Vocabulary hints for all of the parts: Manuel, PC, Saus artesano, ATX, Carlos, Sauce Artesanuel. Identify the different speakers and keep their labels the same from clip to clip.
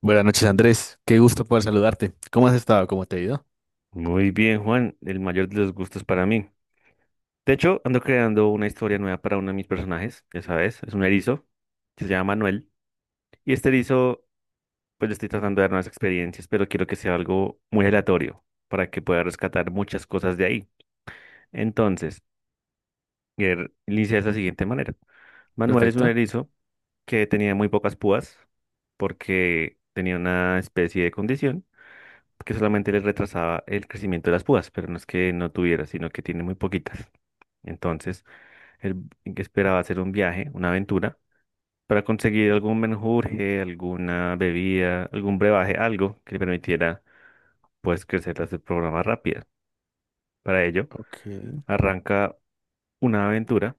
Speaker 1: Buenas noches, Andrés. Qué gusto poder saludarte. ¿Cómo has estado? ¿Cómo te ha ido?
Speaker 2: Muy bien, Juan, el mayor de los gustos para mí. De hecho, ando creando una historia nueva para uno de mis personajes, ya sabes, es un erizo que se llama Manuel. Y este erizo, pues le estoy tratando de dar nuevas experiencias, pero quiero que sea algo muy aleatorio para que pueda rescatar muchas cosas de ahí. Entonces, inicia de la siguiente manera. Manuel es un
Speaker 1: Perfecto.
Speaker 2: erizo que tenía muy pocas púas porque tenía una especie de condición que solamente le retrasaba el crecimiento de las púas, pero no es que no tuviera, sino que tiene muy poquitas. Entonces, él esperaba hacer un viaje, una aventura, para conseguir algún menjurje, alguna bebida, algún brebaje, algo que le permitiera, pues, crecer las programa rápida. Para ello,
Speaker 1: Ok.
Speaker 2: arranca una aventura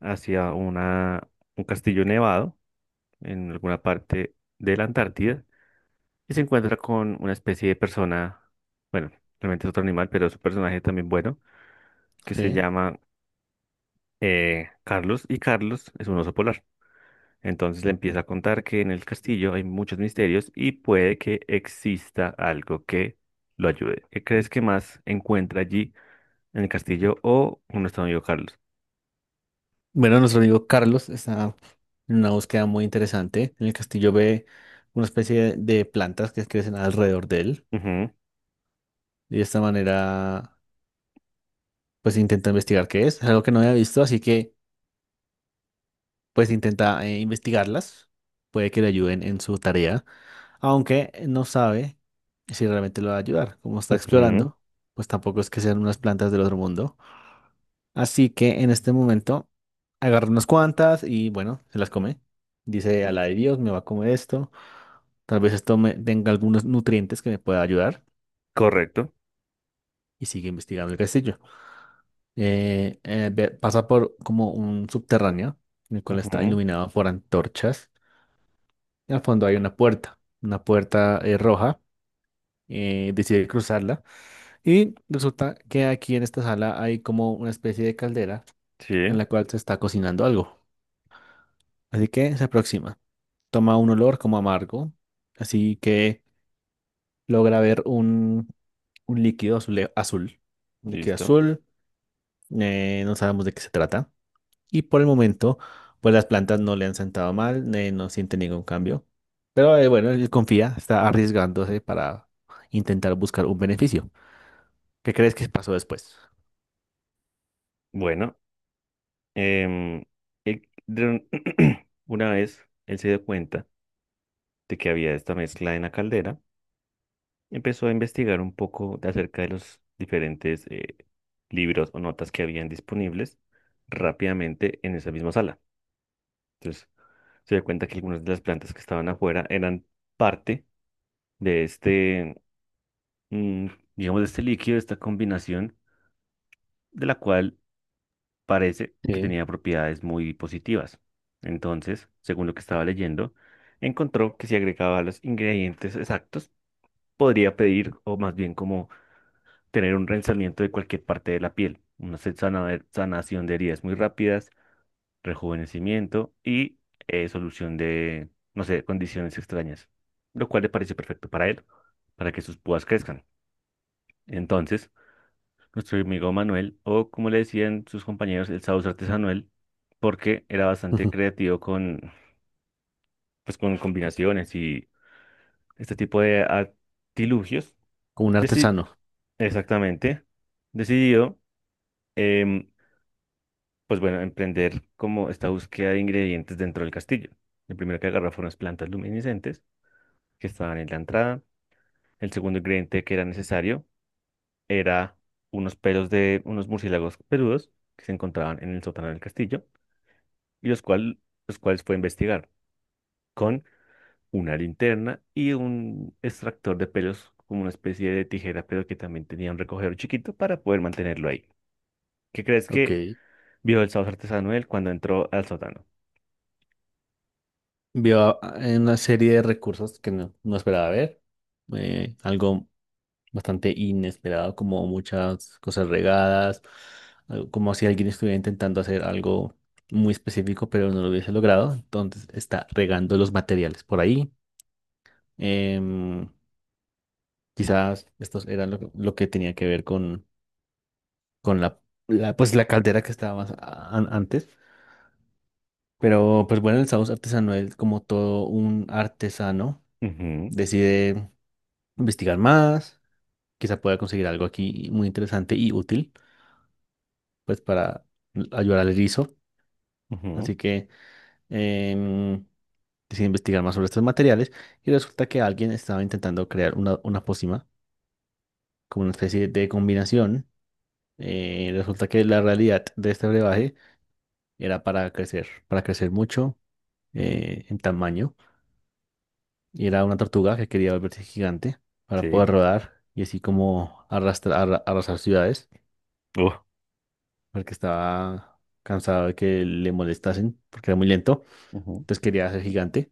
Speaker 2: hacia un castillo nevado en alguna parte de la Antártida y se encuentra con una especie de persona, bueno, realmente es otro animal, pero es un personaje también bueno, que se
Speaker 1: Sí.
Speaker 2: llama Carlos, y Carlos es un oso polar. Entonces le empieza a contar que en el castillo hay muchos misterios y puede que exista algo que lo ayude. ¿Qué crees que más encuentra allí en el castillo o un nuestro amigo Carlos?
Speaker 1: Bueno, nuestro amigo Carlos está en una búsqueda muy interesante. En el castillo ve una especie de plantas que crecen alrededor de él.
Speaker 2: Ujú,
Speaker 1: Y de esta manera, pues intenta investigar qué es. Es algo que no había visto, así que pues intenta investigarlas. Puede que le ayuden en su tarea, aunque no sabe si realmente lo va a ayudar. Como está
Speaker 2: ujú.
Speaker 1: explorando, pues tampoco es que sean unas plantas del otro mundo. Así que en este momento agarra unas cuantas y, bueno, se las come. Dice a la de Dios, me va a comer esto. Tal vez esto me tenga algunos nutrientes que me pueda ayudar.
Speaker 2: Correcto.
Speaker 1: Y sigue investigando el castillo. Pasa por como un subterráneo, en el cual está
Speaker 2: Ujú,
Speaker 1: iluminado por antorchas. Y al fondo hay una puerta roja. Decide cruzarla. Y resulta que aquí en esta sala hay como una especie de caldera en
Speaker 2: sí,
Speaker 1: la cual se está cocinando algo. Así que se aproxima, toma un olor como amargo, así que logra ver un azul. Un líquido
Speaker 2: listo.
Speaker 1: azul, no sabemos de qué se trata. Y por el momento, pues las plantas no le han sentado mal, no siente ningún cambio. Pero bueno, él confía, está arriesgándose para intentar buscar un beneficio. ¿Qué crees que pasó después?
Speaker 2: Bueno, em, el- de un- una vez él se dio cuenta de que había esta mezcla en la caldera, empezó a investigar un poco de acerca de los diferentes libros o notas que habían disponibles rápidamente en esa misma sala. Entonces se dio cuenta que algunas de las plantas que estaban afuera eran parte de este, mm, digamos, de este líquido, de esta combinación, de la cual parece que
Speaker 1: Sí.
Speaker 2: tenía propiedades muy positivas. Entonces, según lo que estaba leyendo, encontró que si agregaba los ingredientes exactos, podría pedir, o más bien como tener un rensamiento de cualquier parte de la piel, una sanación de heridas muy rápidas, rejuvenecimiento y solución de, no sé, condiciones extrañas, lo cual le parece perfecto para él, para que sus púas crezcan. Entonces, nuestro amigo Manuel, o como le decían sus compañeros, el Sauce Artesanuel, porque era bastante
Speaker 1: Como
Speaker 2: creativo con, pues, con combinaciones y este tipo de artilugios,
Speaker 1: un
Speaker 2: deci-
Speaker 1: artesano.
Speaker 2: exactamente, decidió em, pues bueno, emprender como esta búsqueda de ingredientes dentro del castillo. El primero que agarró fueron las plantas luminiscentes que estaban en la entrada. El segundo ingrediente que era necesario era unos pelos de unos murciélagos peludos que se encontraban en el sótano del castillo y los cuales fue a investigar con una linterna y un extractor de pelos como una especie de tijera, pero que también tenía un recogedor chiquito para poder mantenerlo ahí. ¿Qué crees
Speaker 1: Ok.
Speaker 2: que vio el sauce artesano él cuando entró al sótano?
Speaker 1: Vio en una serie de recursos que no esperaba ver. Eh, algo bastante inesperado, como muchas cosas regadas, como si alguien estuviera intentando hacer algo muy específico, pero no lo hubiese logrado. Entonces está regando los materiales por ahí. Em, Quizás estos eran lo que tenía que ver con pues, la caldera que estaba más antes. Pero pues bueno, el Saus artesano es como todo un artesano,
Speaker 2: Ujú,
Speaker 1: decide investigar más, quizá pueda conseguir algo aquí muy interesante y útil, pues para ayudar al erizo.
Speaker 2: ujú,
Speaker 1: Así que em, decidí investigar más sobre estos materiales y resulta que alguien estaba intentando crear una pócima, como una especie de combinación. Resulta que la realidad de este brebaje era para crecer mucho en tamaño, y era una tortuga que quería volverse gigante para
Speaker 2: sí.
Speaker 1: poder rodar y así como arrastrar, arrasar ciudades
Speaker 2: Uh,
Speaker 1: porque estaba cansado de que le molestasen porque era muy lento,
Speaker 2: ujú,
Speaker 1: entonces quería ser gigante.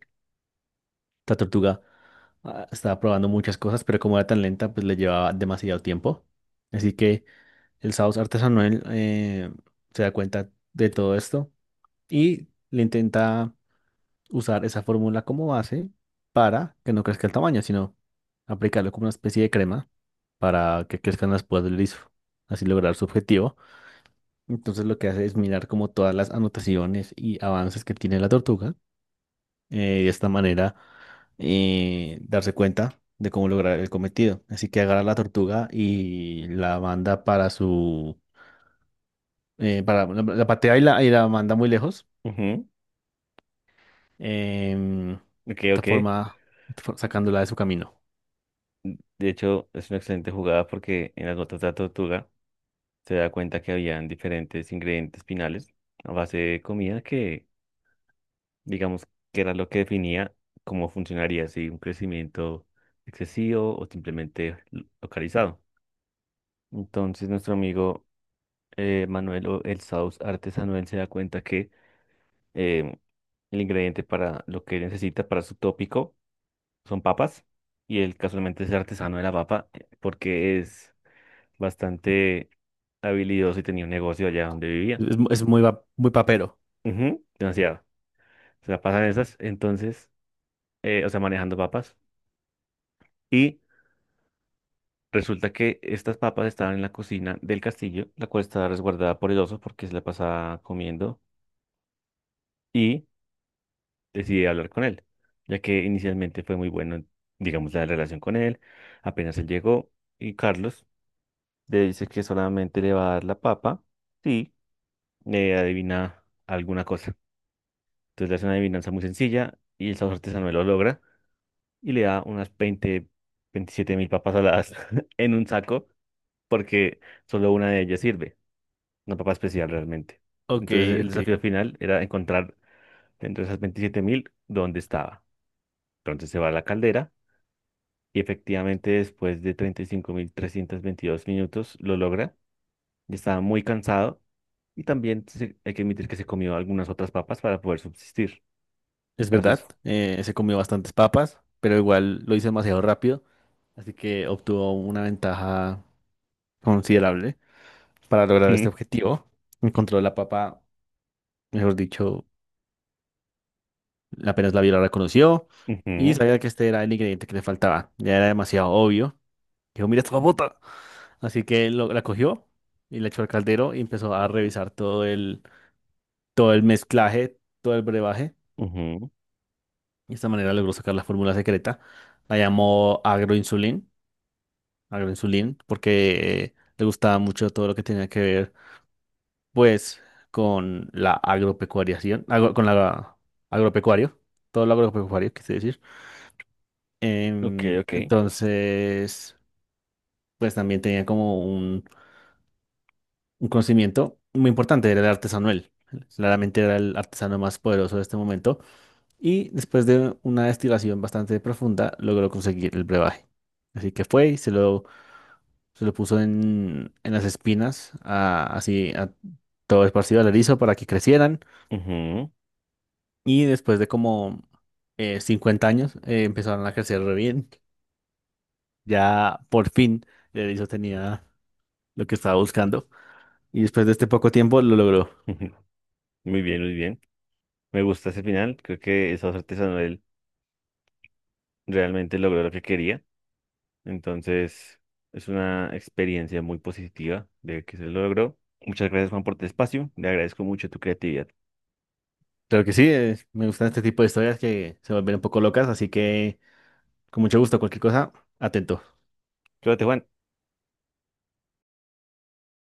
Speaker 1: La tortuga, ah, estaba probando muchas cosas, pero como era tan lenta, pues le llevaba demasiado tiempo. Así que el Saus artesanal, se da cuenta de todo esto y le intenta usar esa fórmula como base para que no crezca el tamaño, sino aplicarlo como una especie de crema para que crezcan las púas del liso, así lograr su objetivo. Entonces lo que hace es mirar como todas las anotaciones y avances que tiene la tortuga, de esta manera darse cuenta de cómo lograr el cometido. Así que agarra la tortuga y la manda para su... para, la patea y y la manda muy lejos.
Speaker 2: ujú.
Speaker 1: De
Speaker 2: Ok,
Speaker 1: esta
Speaker 2: ok.
Speaker 1: forma, sacándola de su camino.
Speaker 2: De hecho, es una excelente jugada porque en las notas de la tortuga se da cuenta que habían diferentes ingredientes finales a base de comida que, digamos, que era lo que definía cómo funcionaría, si un crecimiento excesivo o simplemente localizado. Entonces, nuestro amigo Manuel o el Saus artesano, él se da cuenta que eh, el ingrediente para lo que necesita para su tópico son papas, y él casualmente es artesano de la papa porque es bastante habilidoso y tenía un negocio allá donde vivía.
Speaker 1: Es muy papero.
Speaker 2: Ujú, demasiado. Se la pasan esas, entonces, o sea, manejando papas. Y resulta que estas papas estaban en la cocina del castillo, la cual estaba resguardada por el oso porque se la pasaba comiendo, y decidí hablar con él, ya que inicialmente fue muy bueno, digamos, la relación con él. Apenas él llegó, y Carlos le dice que solamente le va a dar la papa. Sí, adivina alguna cosa. Entonces le hace una adivinanza muy sencilla y el sabor artesanal lo logra y le da unas 20 27.000 papas saladas en un saco porque solo una de ellas sirve, una papa especial realmente.
Speaker 1: Ok,
Speaker 2: Entonces el
Speaker 1: ok.
Speaker 2: desafío final era encontrar dentro de esas 27.000 dónde estaba. Entonces se va a la caldera y efectivamente después de 35.322 minutos lo logra. Ya estaba muy cansado. Y también hay que admitir que se comió algunas otras papas para poder subsistir. El
Speaker 1: Es
Speaker 2: caso
Speaker 1: verdad,
Speaker 2: es
Speaker 1: se comió bastantes papas, pero igual lo hizo demasiado rápido, así que obtuvo una ventaja considerable para lograr
Speaker 2: ujú,
Speaker 1: este objetivo. Encontró la papa. Mejor dicho, apenas la vio, la reconoció y sabía que este era el ingrediente que le faltaba. Ya era demasiado obvio. Dijo, mira esta papota. Así que la cogió y la echó al caldero y empezó a revisar todo el mezclaje, todo el brebaje.
Speaker 2: ujú, ujú.
Speaker 1: De esta manera logró sacar la fórmula secreta. La llamó agroinsulín, agroinsulín, porque le gustaba mucho todo lo que tenía que ver, pues, con la agropecuariación, con la agropecuario, todo lo agropecuario, quise decir.
Speaker 2: Ok, ok.
Speaker 1: Entonces, pues también tenía como un conocimiento muy importante, era el artesano él. Claramente era el artesano más poderoso de este momento. Y después de una destilación bastante profunda, logró conseguir el brebaje. Así que fue y se lo puso en las espinas, así a todo esparcido al erizo para que crecieran.
Speaker 2: Ujú,
Speaker 1: Y después de como 50 años, empezaron a crecer re bien. Ya por fin el erizo tenía lo que estaba buscando. Y después de este poco tiempo lo logró.
Speaker 2: ujú. Muy bien, muy bien. Me gusta ese final. Creo que esa artesanal realmente logró lo que quería. Entonces, es una experiencia muy positiva de que se logró. Muchas gracias, Juan, por tu espacio. Le agradezco mucho tu creatividad.
Speaker 1: Claro que sí, me gustan este tipo de historias que se vuelven un poco locas, así que con mucho gusto, cualquier cosa, atento.
Speaker 2: Cuídate, Juan.